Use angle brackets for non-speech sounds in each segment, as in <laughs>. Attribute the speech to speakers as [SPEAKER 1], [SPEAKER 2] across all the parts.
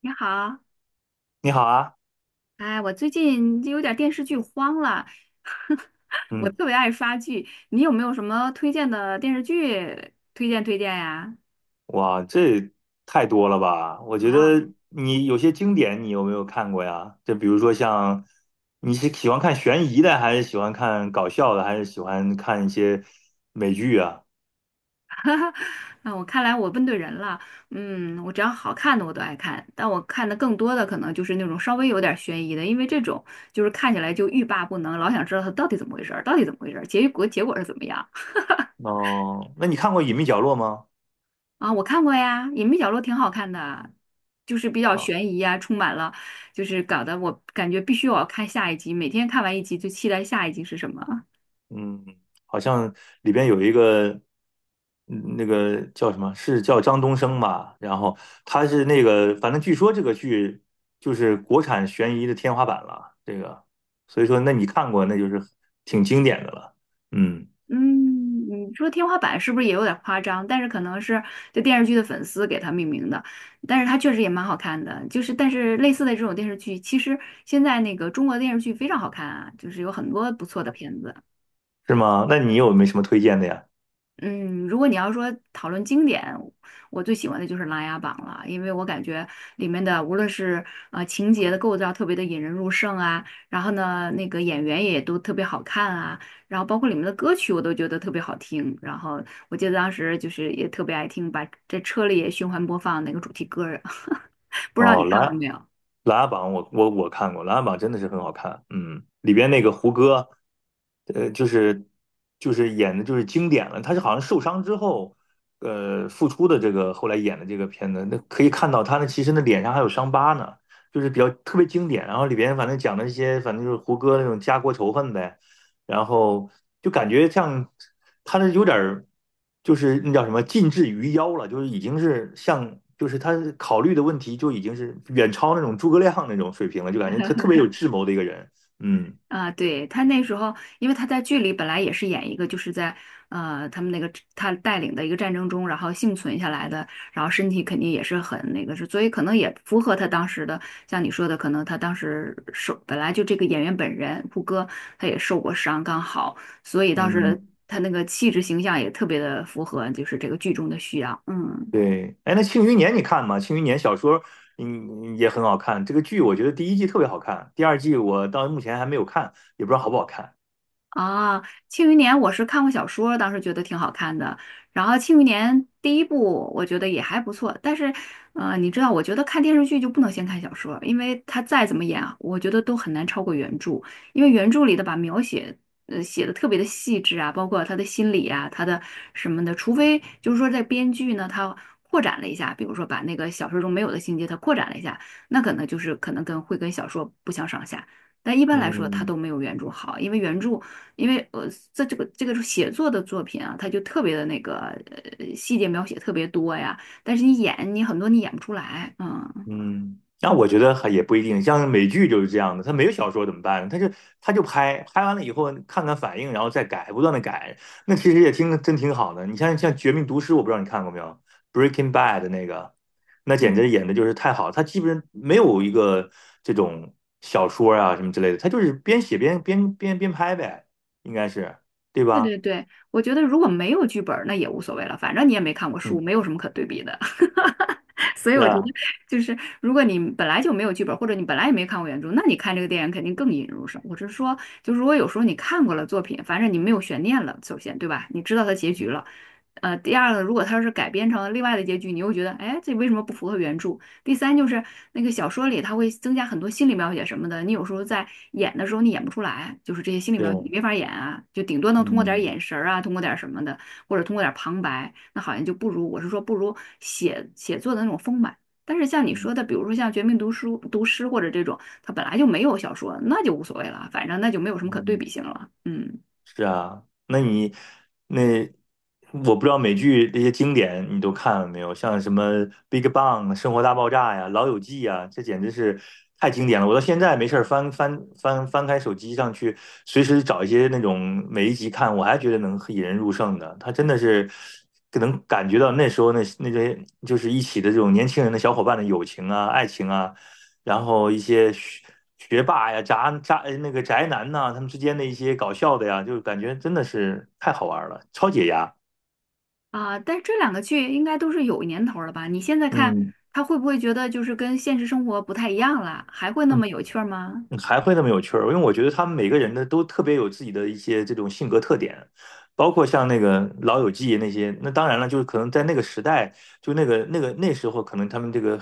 [SPEAKER 1] 你好。
[SPEAKER 2] 你好啊。
[SPEAKER 1] 哎，我最近就有点电视剧荒了，<laughs> 我
[SPEAKER 2] 嗯，
[SPEAKER 1] 特别爱刷剧，你有没有什么推荐的电视剧推荐呀？
[SPEAKER 2] 哇，这太多了吧？我觉
[SPEAKER 1] 哇哦，
[SPEAKER 2] 得你有些经典，你有没有看过呀？就比如说像，你是喜欢看悬疑的，还是喜欢看搞笑的，还是喜欢看一些美剧啊？
[SPEAKER 1] 那我看来我问对人了。嗯，我只要好看的我都爱看，但我看的更多的可能就是那种稍微有点悬疑的，因为这种就是看起来就欲罢不能，老想知道它到底怎么回事儿，到底怎么回事儿，结果是怎么样。
[SPEAKER 2] 哦，那你看过《隐秘角落》吗？
[SPEAKER 1] 啊，我看过呀，《隐秘角落》挺好看的，就是比较
[SPEAKER 2] 啊？
[SPEAKER 1] 悬疑啊，充满了，就是搞得我感觉必须我要看下一集，每天看完一集就期待下一集是什么。<laughs>
[SPEAKER 2] 嗯，好像里边有一个，那个叫什么，是叫张东升吧？然后他是那个，反正据说这个剧就是国产悬疑的天花板了。这个，所以说，那你看过，那就是挺经典的了。嗯，
[SPEAKER 1] 嗯，你说天花板是不是也有点夸张？但是可能是这电视剧的粉丝给它命名的，但是它确实也蛮好看的。就是但是类似的这种电视剧，其实现在那个中国电视剧非常好看啊，就是有很多不错的片子。
[SPEAKER 2] 是吗？那你有没什么推荐的呀？
[SPEAKER 1] 嗯，如果你要说讨论经典，我最喜欢的就是《琅琊榜》了，因为我感觉里面的无论是情节的构造特别的引人入胜啊，然后呢那个演员也都特别好看啊，然后包括里面的歌曲我都觉得特别好听，然后我记得当时就是也特别爱听，把这车里也循环播放那个主题歌儿，<laughs> 不知道你
[SPEAKER 2] 哦，
[SPEAKER 1] 看过
[SPEAKER 2] 《琅
[SPEAKER 1] 没有？
[SPEAKER 2] 琊榜》我看过，琅琊榜真的是很好看，嗯，里边那个胡歌，呃，就是就是演的就是经典了，他是好像受伤之后，复出的这个后来演的这个片子，那可以看到他那其实那脸上还有伤疤呢，就是比较特别经典，然后里边反正讲了一些反正就是胡歌那种家国仇恨呗，然后就感觉像他这有点儿，就是那叫什么近至于妖了，就是已经是像，就是他考虑的问题就已经是远超那种诸葛亮那种水平了，就感觉他特别有智谋的一个人。嗯
[SPEAKER 1] 啊，对，他那时候，因为他在剧里本来也是演一个，就是在他们那个他带领的一个战争中，然后幸存下来的，然后身体肯定也是很那个是，所以可能也符合他当时的，像你说的，可能他当时受本来就这个演员本人胡歌他也受过伤，刚好，所以当时
[SPEAKER 2] 嗯，
[SPEAKER 1] 他那个气质形象也特别的符合，就是这个剧中的需要，嗯。
[SPEAKER 2] 对。哎，那《庆余年》你看吗？《庆余年》小说也很好看，这个剧我觉得第一季特别好看，第二季我到目前还没有看，也不知道好不好看。
[SPEAKER 1] 啊，《庆余年》我是看过小说，当时觉得挺好看的。然后《庆余年》第一部我觉得也还不错，但是，你知道，我觉得看电视剧就不能先看小说，因为它再怎么演啊，我觉得都很难超过原著，因为原著里的把描写，写的特别的细致啊，包括他的心理啊，他的什么的，除非就是说在编剧呢，他扩展了一下，比如说把那个小说中没有的情节他扩展了一下，那可能就是可能跟会跟小说不相上下。但一般来说，它
[SPEAKER 2] 嗯，
[SPEAKER 1] 都没有原著好，因为原著因为这个写作的作品啊，它就特别的那个细节描写特别多呀，但是你演你很多你演不出来，嗯。
[SPEAKER 2] 嗯，那我觉得还也不一定，像美剧就是这样的，他没有小说怎么办呢？他就拍，拍完了以后看看反应，然后再改，不断的改，那其实也挺真挺好的。你像《绝命毒师》，我不知道你看过没有，《Breaking Bad》那个，那简
[SPEAKER 1] 嗯。
[SPEAKER 2] 直演的就是太好了，他基本上没有一个这种小说啊什么之类的，他就是边写边拍呗，应该是对
[SPEAKER 1] 对
[SPEAKER 2] 吧？
[SPEAKER 1] 对对，我觉得如果没有剧本儿，那也无所谓了，反正你也没看过书，
[SPEAKER 2] 嗯，
[SPEAKER 1] 没有什么可对比的。<laughs> 所以
[SPEAKER 2] 是
[SPEAKER 1] 我觉得，
[SPEAKER 2] 啊，
[SPEAKER 1] 就是如果你本来就没有剧本儿，或者你本来也没看过原著，那你看这个电影肯定更引人入胜。我是说，就是如果有时候你看过了作品，反正你没有悬念了，首先对吧？你知道它结局了。第二个，如果它要是改编成另外的结局，你又觉得，哎，这为什么不符合原著？第三就是那个小说里，它会增加很多心理描写什么的，你有时候在演的时候你演不出来，就是这些心理
[SPEAKER 2] 对，
[SPEAKER 1] 描写你没法演啊，就顶多能通过点儿
[SPEAKER 2] 嗯
[SPEAKER 1] 眼神儿啊，通过点儿什么的，或者通过点儿旁白，那好像就不如我是说不如写写作的那种丰满。但是像你说
[SPEAKER 2] 嗯
[SPEAKER 1] 的，比如说像《绝命读书读诗》毒师或者这种，它本来就没有小说，那就无所谓了，反正那就没有什么可对
[SPEAKER 2] 嗯。
[SPEAKER 1] 比性了。嗯。
[SPEAKER 2] 是啊，那你那我不知道美剧那些经典你都看了没有？像什么《Big Bang》《生活大爆炸》呀，《老友记》呀，这简直是太经典了。我到现在没事儿翻开手机上去，随时找一些那种每一集看，我还觉得能引人入胜的。他真的是能感觉到那时候那些就是一起的这种年轻人的小伙伴的友情啊、爱情啊，然后一些学霸呀、渣渣那个宅男呐、他们之间的一些搞笑的呀，就感觉真的是太好玩了，超解压。
[SPEAKER 1] 啊，但是这两个剧应该都是有年头了吧？你现在看，
[SPEAKER 2] 嗯，
[SPEAKER 1] 他会不会觉得就是跟现实生活不太一样了？还会那么有趣儿吗？
[SPEAKER 2] 嗯还会那么有趣儿，因为我觉得他们每个人的都特别有自己的一些这种性格特点，包括像那个《老友记》那些，那当然了，就是可能在那个时代，就那个那时候，可能他们这个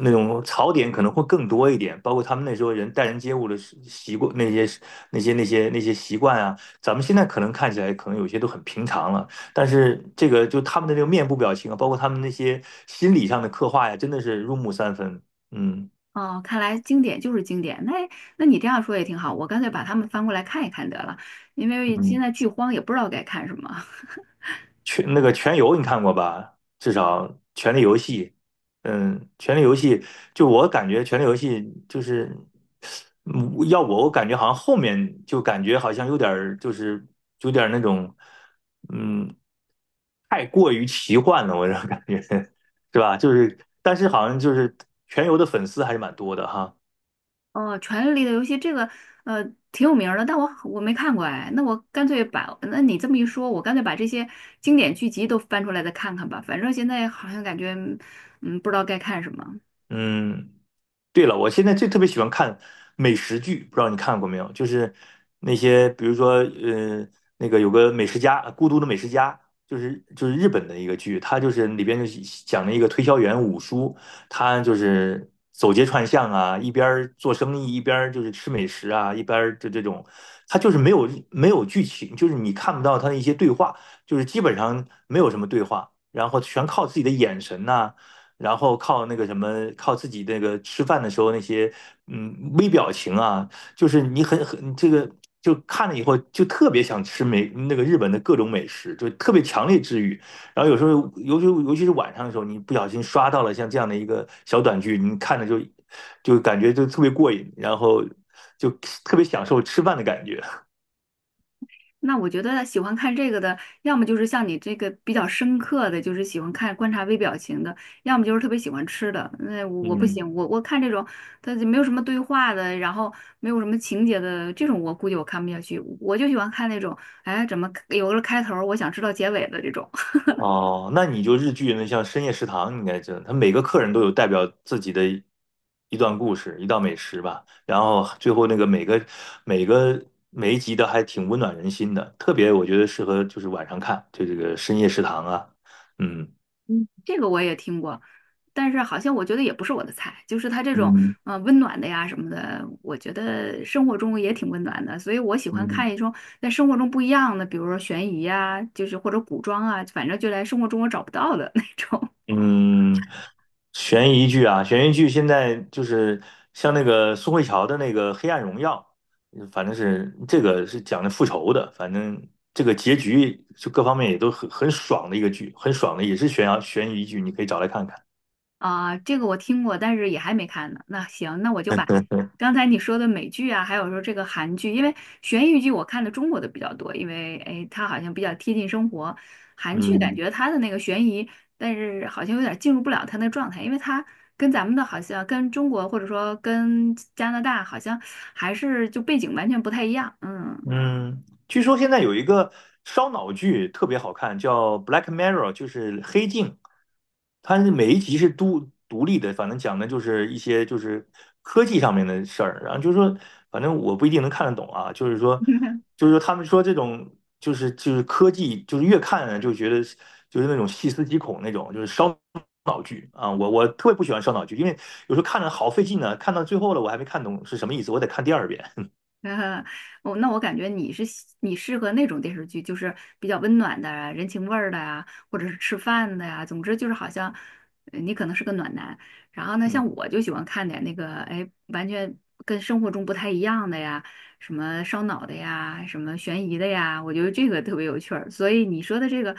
[SPEAKER 2] 那种槽点可能会更多一点，包括他们那时候人待人接物的习惯，那些习惯啊，咱们现在可能看起来可能有些都很平常了，但是这个就他们的这个面部表情啊，包括他们那些心理上的刻画呀，真的是入木三分，嗯。
[SPEAKER 1] 哦，看来经典就是经典。那那你这样说也挺好，我干脆把它们翻过来看一看得了，因为现
[SPEAKER 2] 嗯《
[SPEAKER 1] 在剧荒也不知道该看什么。<laughs>
[SPEAKER 2] 全那个《全游》你看过吧？至少《权力游戏》，嗯，《权力游戏》，就我感觉《权力游戏》就是，嗯要我感觉好像后面就感觉好像有点儿就是有点儿那种，嗯，太过于奇幻了，我这感觉 <laughs> 是吧？就是但是好像就是《全游》的粉丝还是蛮多的哈。
[SPEAKER 1] 哦，《权力的游戏》这个呃挺有名儿的，但我没看过哎。那我干脆把，那你这么一说，我干脆把这些经典剧集都翻出来再看看吧。反正现在好像感觉不知道该看什么。
[SPEAKER 2] 嗯，对了，我现在最特别喜欢看美食剧，不知道你看过没有？就是那些，比如说，那个有个美食家，孤独的美食家，就是日本的一个剧，它就是里边就是讲了一个推销员五叔，他就是走街串巷啊，一边儿做生意，一边儿就是吃美食啊，一边儿就这种，他就是没有剧情，就是你看不到他的一些对话，就是基本上没有什么对话，然后全靠自己的眼神呐、然后靠那个什么，靠自己那个吃饭的时候那些微表情啊，就是你很这个就看了以后就特别想吃美那个日本的各种美食，就特别强烈治愈。然后有时候尤其是晚上的时候，你不小心刷到了像这样的一个小短剧，你看着就就感觉就特别过瘾，然后就特别享受吃饭的感觉，
[SPEAKER 1] 那我觉得喜欢看这个的，要么就是像你这个比较深刻的，就是喜欢看观察微表情的，要么就是特别喜欢吃的。那我我不
[SPEAKER 2] 嗯。
[SPEAKER 1] 行，我看这种，它就没有什么对话的，然后没有什么情节的这种，我估计我看不下去。我就喜欢看那种，哎，怎么有个开头儿我想知道结尾的这种。
[SPEAKER 2] 哦，那你就日剧那像深夜食堂，你应该知道，他每个客人都有代表自己的一段故事，一道美食吧。然后最后那个每个每一集的还挺温暖人心的，特别我觉得适合就是晚上看，就这个深夜食堂啊，嗯。
[SPEAKER 1] 嗯这个我也听过，但是好像我觉得也不是我的菜，就是他这种
[SPEAKER 2] 嗯
[SPEAKER 1] 温暖的呀什么的，我觉得生活中也挺温暖的，所以我喜欢
[SPEAKER 2] 嗯。
[SPEAKER 1] 看一种在生活中不一样的，比如说悬疑呀，就是或者古装啊，反正就在生活中我找不到的 <laughs> 那种。
[SPEAKER 2] 嗯，悬疑剧啊，悬疑剧现在就是像那个宋慧乔的那个《黑暗荣耀》，反正是这个是讲的复仇的，反正这个结局就各方面也都很爽的一个剧，很爽的，也是悬疑剧，你可以找来看看。
[SPEAKER 1] 啊，这个我听过，但是也还没看呢。那行，那我就把
[SPEAKER 2] <laughs>
[SPEAKER 1] 刚才你说的美剧啊，还有说这个韩剧，因为悬疑剧我看的中国的比较多，因为哎，它好像比较贴近生活。韩剧感
[SPEAKER 2] 嗯
[SPEAKER 1] 觉它的那个悬疑，但是好像有点进入不了它那个状态，因为它跟咱们的好像跟中国或者说跟加拿大好像还是就背景完全不太一样。嗯。
[SPEAKER 2] 嗯，据说现在有一个烧脑剧特别好看，叫《Black Mirror》,就是黑镜。它是每一集是独立的，反正讲的就是一些就是科技上面的事儿。然后就是说，反正我不一定能看得懂啊。就是说，
[SPEAKER 1] <laughs>
[SPEAKER 2] 就是说他们说这种就是科技，就是越看呢就觉得就是那种细思极恐那种，就是烧脑剧啊。我特别不喜欢烧脑剧，因为有时候看着好费劲呢，看到最后了我还没看懂是什么意思，我得看第二遍。
[SPEAKER 1] <laughs> 呃，我那我感觉你是喜你适合那种电视剧，就是比较温暖的啊、人情味儿的呀，或者是吃饭的呀，总之就是好像你可能是个暖男。然后呢，像
[SPEAKER 2] 嗯
[SPEAKER 1] 我就喜欢看点那个，哎，完全跟生活中不太一样的呀，什么烧脑的呀，什么悬疑的呀，我觉得这个特别有趣儿。所以你说的这个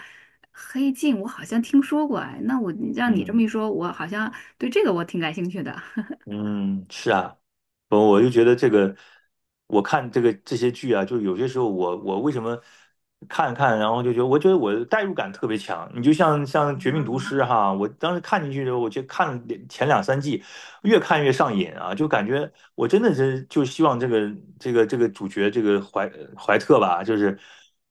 [SPEAKER 1] 《黑镜》，我好像听说过，哎，那我让你这么
[SPEAKER 2] 嗯。
[SPEAKER 1] 一说，我好像对这个我挺感兴趣的。
[SPEAKER 2] 嗯，是啊，我就觉得这个，我看这个这些剧啊，就有些时候我为什么看，然后就觉得我觉得我的代入感特别强。你就像《绝命毒师》哈，我当时看进去的时候，我就看了两前两三季，越看越上瘾啊，就感觉我真的是就希望这个主角这个怀特吧，就是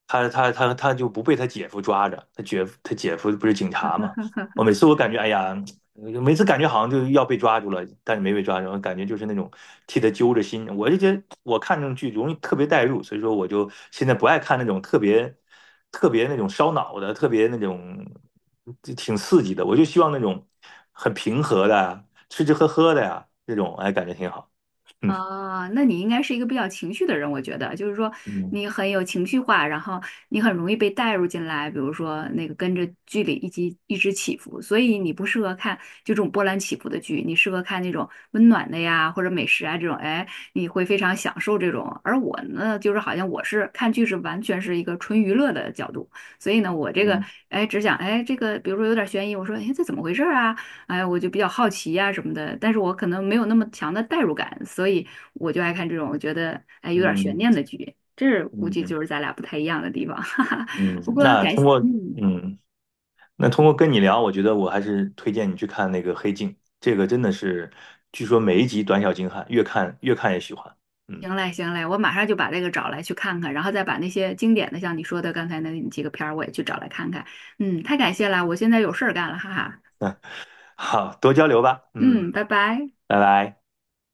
[SPEAKER 2] 他就不被他姐夫抓着，他姐夫他姐夫不是警察嘛。我每次我感觉，哎呀，每次感觉好像就要被抓住了，但是没被抓住，感觉就是那种替他揪着心。我就觉得我看这种剧容易特别代入，所以说我就现在不爱看那种特别那种烧脑的，特别那种就挺刺激的。我就希望那种很平和的啊吃吃喝喝的呀，这种哎感觉挺好。嗯
[SPEAKER 1] 啊，那你应该是一个比较情绪的人，我觉得，就是说
[SPEAKER 2] 嗯
[SPEAKER 1] 你很有情绪化，然后你很容易被带入进来，比如说那个跟着剧里一起一直起伏，所以你不适合看就这种波澜起伏的剧，你适合看那种温暖的呀，或者美食啊这种，哎，你会非常享受这种。而我呢，就是好像我是看剧是完全是一个纯娱乐的角度，所以呢，我这个
[SPEAKER 2] 嗯
[SPEAKER 1] 哎只想哎这个，比如说有点悬疑，我说哎这怎么回事儿啊？哎，我就比较好奇呀、什么的，但是我可能没有那么强的代入感，所以我就爱看这种我觉得哎有点悬念
[SPEAKER 2] 嗯
[SPEAKER 1] 的剧，这是估计
[SPEAKER 2] 嗯
[SPEAKER 1] 就是咱俩不太一样的地方。<laughs> 哈哈。不
[SPEAKER 2] 嗯，
[SPEAKER 1] 过
[SPEAKER 2] 那
[SPEAKER 1] 感谢，
[SPEAKER 2] 通过
[SPEAKER 1] 嗯，
[SPEAKER 2] 嗯。那通过跟你聊，我觉得我还是推荐你去看那个《黑镜》，这个真的是，据说每一集短小精悍，越看越喜欢。嗯，
[SPEAKER 1] 行嘞行嘞，我马上就把这个找来去看看，然后再把那些经典的像你说的刚才那几个片儿我也去找来看看，嗯，太感谢了，我现在有事儿干了，哈哈，
[SPEAKER 2] 好，多交流吧。嗯，
[SPEAKER 1] 嗯，拜拜。
[SPEAKER 2] 拜拜。